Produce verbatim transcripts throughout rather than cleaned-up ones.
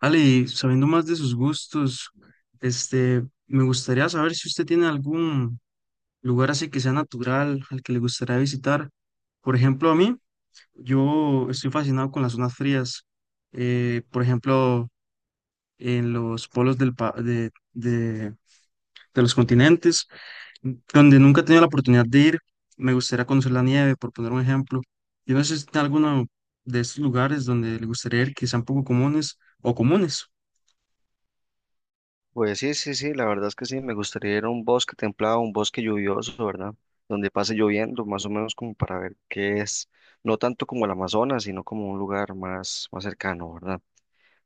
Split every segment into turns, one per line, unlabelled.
Ale, y sabiendo más de sus gustos, este, me gustaría saber si usted tiene algún lugar así que sea natural al que le gustaría visitar. Por ejemplo, a mí, yo estoy fascinado con las zonas frías. Eh, por ejemplo, en los polos del pa- de, de- de- los continentes, donde nunca he tenido la oportunidad de ir, me gustaría conocer la nieve, por poner un ejemplo. Yo no sé si tiene alguno de estos lugares donde le gustaría ir que sean poco comunes o comunes.
Pues sí, sí, sí, la verdad es que sí, me gustaría ir a un bosque templado, un bosque lluvioso, ¿verdad? Donde pase lloviendo, más o menos como para ver qué es, no tanto como el Amazonas, sino como un lugar más, más cercano, ¿verdad?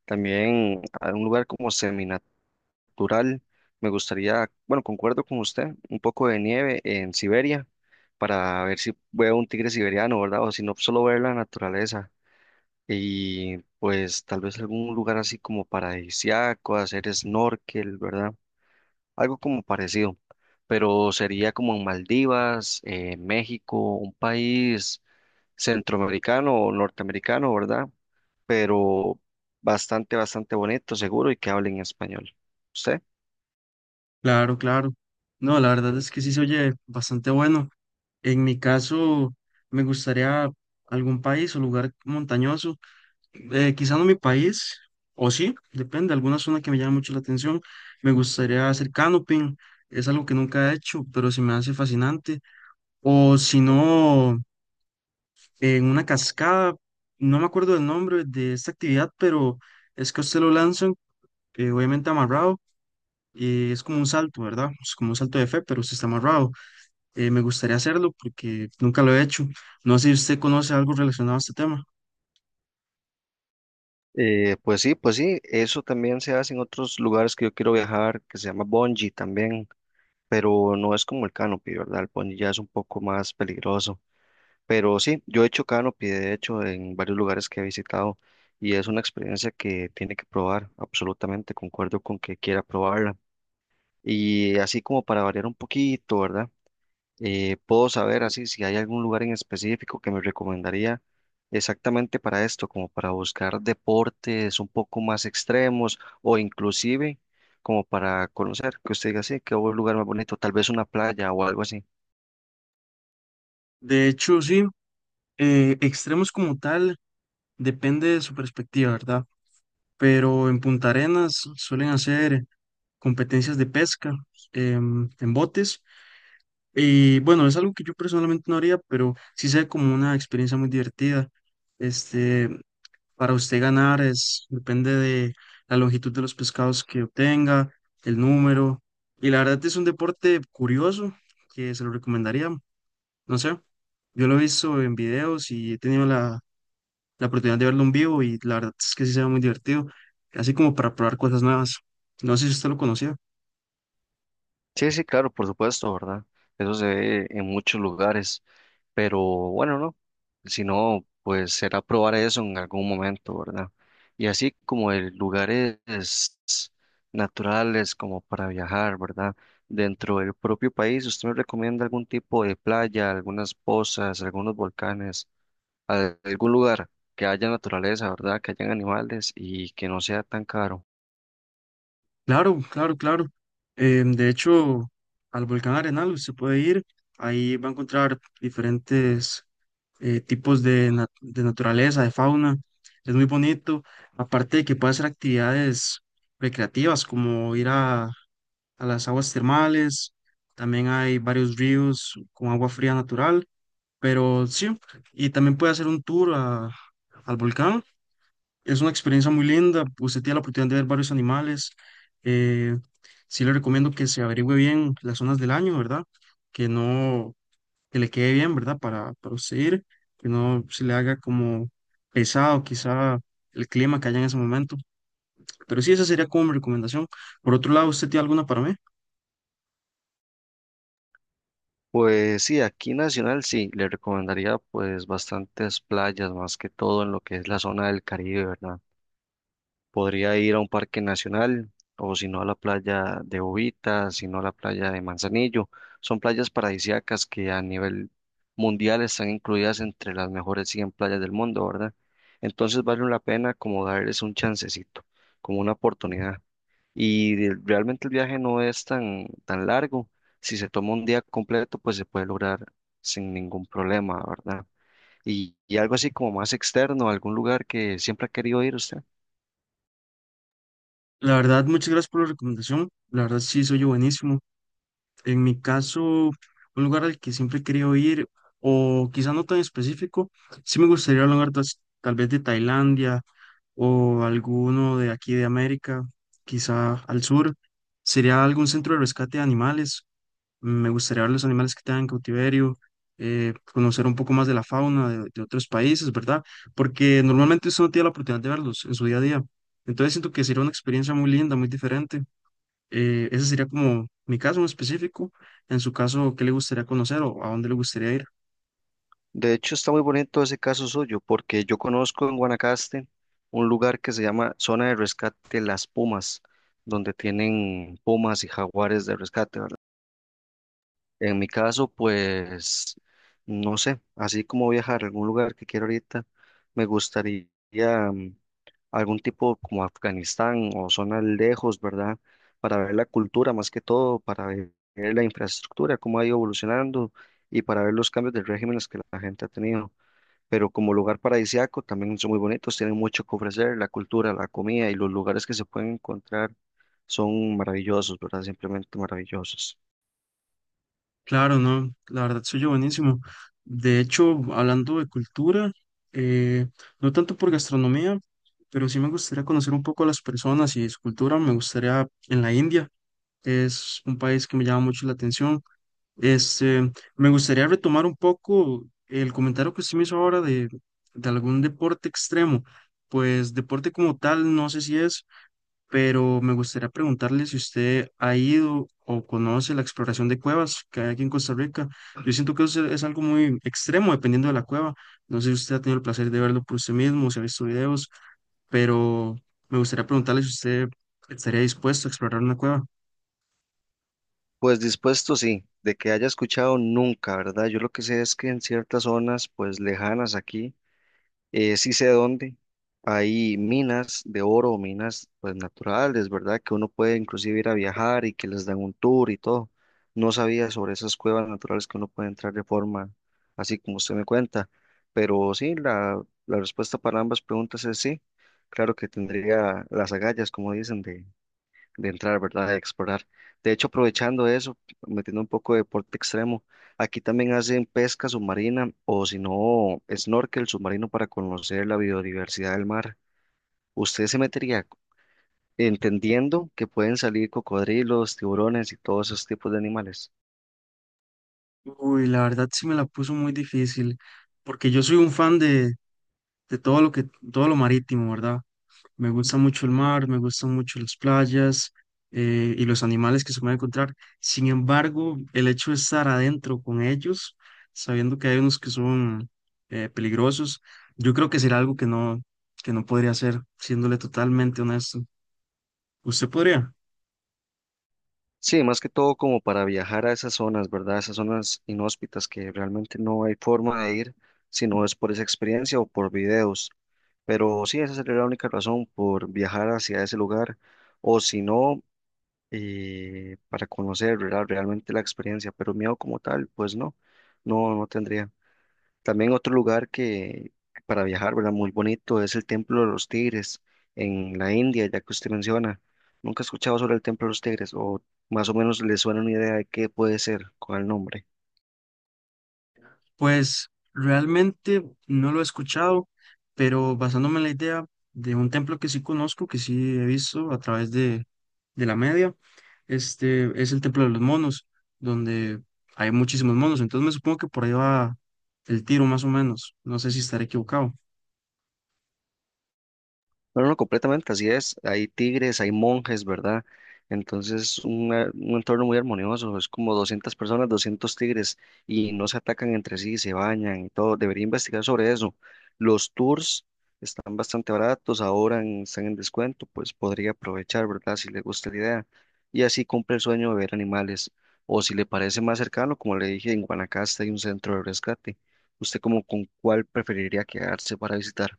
También a un lugar como seminatural, me gustaría, bueno, concuerdo con usted, un poco de nieve en Siberia, para ver si veo un tigre siberiano, ¿verdad? O si no, solo ver la naturaleza. Y pues tal vez algún lugar así como paradisíaco, hacer snorkel, ¿verdad? Algo como parecido, pero sería como en Maldivas, eh, México, un país centroamericano o norteamericano, ¿verdad? Pero bastante, bastante bonito, seguro, y que hablen español. ¿Usted?
Claro, claro. No, la verdad es que sí se oye bastante bueno. En mi caso, me gustaría algún país o lugar montañoso. Eh, quizá no mi país, o sí, depende, alguna zona que me llame mucho la atención. Me gustaría hacer canoping, es algo que nunca he hecho, pero se me hace fascinante. O si no, en una cascada, no me acuerdo del nombre de esta actividad, pero es que a usted lo lanzan, eh, obviamente amarrado, y es como un salto, ¿verdad? Es como un salto de fe, pero usted está amarrado. Eh, me gustaría hacerlo porque nunca lo he hecho. No sé si usted conoce algo relacionado a este tema.
Eh, pues sí, pues sí, eso también se hace en otros lugares que yo quiero viajar, que se llama bungee también, pero no es como el canopy, ¿verdad? El bungee ya es un poco más peligroso. Pero sí, yo he hecho canopy, de hecho, en varios lugares que he visitado y es una experiencia que tiene que probar, absolutamente, concuerdo con que quiera probarla. Y así como para variar un poquito, ¿verdad? Eh, puedo saber así si hay algún lugar en específico que me recomendaría exactamente para esto, como para buscar deportes un poco más extremos o inclusive como para conocer, que usted diga, sí, qué buen lugar más bonito, tal vez una playa o algo así.
De hecho, sí, eh, extremos como tal depende de su perspectiva, ¿verdad? Pero en Punta Arenas suelen hacer competencias de pesca em, en botes. Y bueno, es algo que yo personalmente no haría, pero sí sé como una experiencia muy divertida. Este, Para usted ganar es, depende de la longitud de los pescados que obtenga, el número. Y la verdad es un deporte curioso que se lo recomendaría. No sé, yo lo he visto en videos y he tenido la, la oportunidad de verlo en vivo y la verdad es que sí se ve muy divertido, así como para probar cosas nuevas. No sé si usted lo conocía.
Sí, sí, claro, por supuesto, ¿verdad? Eso se ve en muchos lugares, pero bueno, no, si no, pues será probar eso en algún momento, ¿verdad? Y así como el lugares naturales como para viajar, ¿verdad? Dentro del propio país, ¿usted me recomienda algún tipo de playa, algunas pozas, algunos volcanes, al- algún lugar que haya naturaleza, ¿verdad? ¿Que hayan animales y que no sea tan caro?
Claro, claro, claro. Em, de hecho, al volcán Arenal usted puede ir, ahí va a encontrar diferentes eh, tipos de, na- de naturaleza, de fauna. Es muy bonito. Aparte de que puede hacer actividades recreativas como ir a, a las aguas termales. También hay varios ríos con agua fría natural. Pero sí, y también puede hacer un tour a- al volcán. Es una experiencia muy linda. Usted tiene la oportunidad de ver varios animales. Eh, sí le recomiendo que se averigüe bien las zonas del año, ¿verdad? Que no que le quede bien, ¿verdad? Para, para usted ir, que no se le haga como pesado quizá el clima que haya en ese momento. Pero sí, esa sería como mi recomendación. Por otro lado, ¿usted tiene alguna para mí?
Pues sí, aquí nacional sí, le recomendaría pues bastantes playas, más que todo en lo que es la zona del Caribe, ¿verdad? Podría ir a un parque nacional o si no a la playa de Bobita, si no a la playa de Manzanillo. Son playas paradisíacas que a nivel mundial están incluidas entre las mejores cien playas del mundo, ¿verdad? Entonces vale la pena como darles un chancecito, como una oportunidad. Y de- realmente el viaje no es tan, tan largo. Si se toma un día completo, pues se puede lograr sin ningún problema, ¿verdad? Y, y algo así como más externo, algún lugar que siempre ha querido ir usted.
La verdad, muchas gracias por la recomendación. La verdad, sí, soy yo buenísimo. En mi caso, un lugar al que siempre he querido ir, o quizá no tan específico, sí me gustaría un lugar tas- tal vez de Tailandia o alguno de aquí de América, quizá al sur. Sería algún centro de rescate de animales. Me gustaría ver los animales que tengan en cautiverio, eh, conocer un poco más de la fauna de, de otros países, ¿verdad? Porque normalmente usted no tiene la oportunidad de verlos en su día a día. Entonces siento que sería una experiencia muy linda, muy diferente. Eh, ese sería como mi caso en específico. En su caso, ¿qué le gustaría conocer o a dónde le gustaría ir?
De hecho, está muy bonito ese caso suyo, porque yo conozco en Guanacaste un lugar que se llama Zona de Rescate Las Pumas, donde tienen pumas y jaguares de rescate, ¿verdad? En mi caso, pues, no sé, así como viajar a algún lugar que quiero ahorita, me gustaría mm, algún tipo como Afganistán o zonas lejos, ¿verdad? Para ver la cultura más que todo, para ver la infraestructura, cómo ha ido evolucionando y para ver los cambios de regímenes que la gente ha tenido. Pero como lugar paradisíaco también son muy bonitos, tienen mucho que ofrecer, la cultura, la comida y los lugares que se pueden encontrar son maravillosos, ¿verdad? Simplemente maravillosos.
Claro, no, la verdad soy yo buenísimo. De hecho, hablando de cultura, eh, no tanto por gastronomía, pero sí me gustaría conocer un poco a las personas y su cultura. Me gustaría en la India. Es un país que me llama mucho la atención. Este, Me gustaría retomar un poco el comentario que usted me hizo ahora de, de algún deporte extremo. Pues deporte como tal, no sé si es, pero me gustaría preguntarle si usted ha ido o conoce la exploración de cuevas que hay aquí en Costa Rica. Yo siento que eso es algo muy extremo dependiendo de la cueva. No sé si usted ha tenido el placer de verlo por usted mismo, si ha visto videos, pero me gustaría preguntarle si usted estaría dispuesto a explorar una cueva.
Pues dispuesto, sí, de que haya escuchado nunca, ¿verdad? Yo lo que sé es que en ciertas zonas, pues lejanas aquí, Eh, sí sé dónde. Hay minas de oro, minas pues naturales, ¿verdad? Que uno puede inclusive ir a viajar y que les dan un tour y todo. No sabía sobre esas cuevas naturales que uno puede entrar de forma así como usted me cuenta. Pero sí, la, la respuesta para ambas preguntas es sí. Claro que tendría las agallas, como dicen, de de entrar, ¿verdad? De explorar. De hecho, aprovechando eso, metiendo un poco de deporte extremo, aquí también hacen pesca submarina o si no, snorkel submarino para conocer la biodiversidad del mar. Usted se metería entendiendo que pueden salir cocodrilos, tiburones y todos esos tipos de animales.
Uy, la verdad sí me la puso muy difícil, porque yo soy un fan de, de todo lo que, todo lo marítimo, ¿verdad? Me gusta mucho el mar, me gustan mucho las playas. Eh, y los animales que se pueden encontrar. Sin embargo, el hecho de estar adentro con ellos, sabiendo que hay unos que son eh, peligrosos, yo creo que será algo que no, que no podría hacer, siéndole totalmente honesto. ¿Usted podría?
Sí, más que todo como para viajar a esas zonas, ¿verdad? Esas zonas inhóspitas que realmente no hay forma de ir si no es por esa experiencia o por videos. Pero sí, esa sería la única razón por viajar hacia ese lugar o si no, eh, para conocer, ¿verdad? Realmente la experiencia, pero miedo como tal, pues no, no, no tendría. También otro lugar que que para viajar, ¿verdad? Muy bonito es el Templo de los Tigres en la India, ya que usted menciona. Nunca he escuchado sobre el Templo de los Tigres o más o menos le suena una idea de qué puede ser con el nombre.
Pues realmente no lo he escuchado, pero basándome en la idea de un templo que sí conozco, que sí he visto a través de, de la media, este es el Templo de los Monos, donde hay muchísimos monos. Entonces me supongo que por ahí va el tiro más o menos. No sé si estaré equivocado.
No, no, completamente, así es. Hay tigres, hay monjes, ¿verdad? Entonces, un, eh, un entorno muy armonioso. Es como doscientas personas, doscientos tigres y no se atacan entre sí, se bañan y todo. Debería investigar sobre eso. Los tours están bastante baratos, ahora en- están en descuento, pues podría aprovechar, ¿verdad? Si le gusta la idea. Y así cumple el sueño de ver animales. O si le parece más cercano, como le dije, en Guanacaste hay un centro de rescate. ¿Usted como con cuál preferiría quedarse para visitar?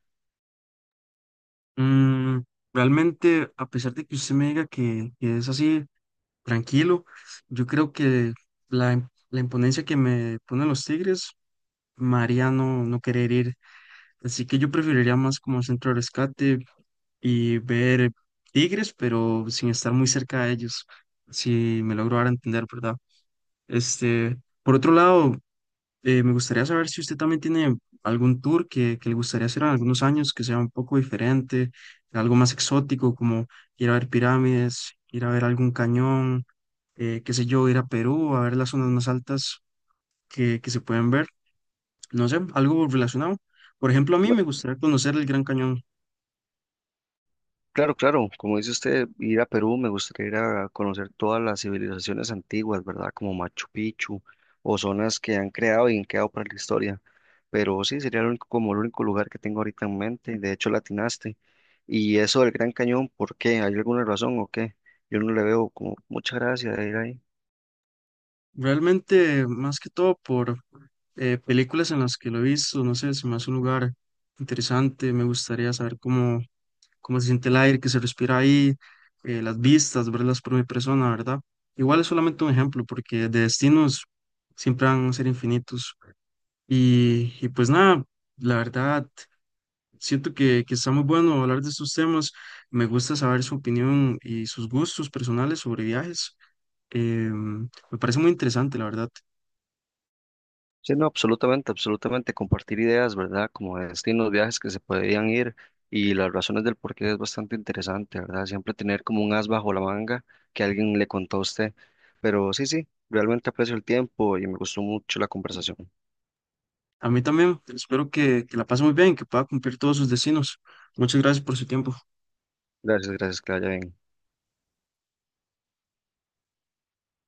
Mm, realmente, a pesar de que usted me diga que, que es así, tranquilo, yo creo que la, im- la imponencia que me ponen los tigres, María no, no querer ir. Así que yo preferiría más como centro de rescate y ver tigres, pero sin estar muy cerca de ellos, si me logro dar a entender, ¿verdad? Este, por otro lado, eh, me gustaría saber si usted también tiene algún tour que, que le gustaría hacer en algunos años, que sea un poco diferente, algo más exótico, como ir a ver pirámides, ir a ver algún cañón, eh, qué sé yo, ir a Perú, a ver las zonas más altas que, que se pueden ver, no sé, algo relacionado. Por ejemplo, a mí me gustaría conocer el Gran Cañón.
Claro, claro, como dice usted, ir a Perú me gustaría ir a conocer todas las civilizaciones antiguas, ¿verdad? Como Machu Picchu o zonas que han creado y han quedado para la historia. Pero sí, sería el único- como el único lugar que tengo ahorita en mente. De hecho, latinaste. Y eso del Gran Cañón, ¿por qué? ¿Hay alguna razón o qué? Yo no le veo como mucha gracia de ir ahí.
Realmente, más que todo por eh, películas en las que lo he visto, no sé, se me hace un lugar interesante, me gustaría saber cómo, cómo se siente el aire que se respira ahí, eh, las vistas, verlas por mi persona, ¿verdad? Igual es solamente un ejemplo, porque de destinos siempre van a ser infinitos. Y, y pues nada, la verdad, siento que, que está muy bueno hablar de estos temas, me gusta saber su opinión y sus gustos personales sobre viajes. Em, me parece muy interesante, la verdad.
Sí, no, absolutamente, absolutamente. Compartir ideas, ¿verdad? Como destinos, viajes que se podían ir y las razones del por qué es bastante interesante, ¿verdad? Siempre tener como un as bajo la manga que alguien le contó a usted. Pero sí, sí, realmente aprecio el tiempo y me gustó mucho la conversación.
A mí también, espero que, que la pase muy bien, que pueda cumplir todos sus destinos. Muchas gracias por su tiempo.
Gracias, gracias, que la haya bien.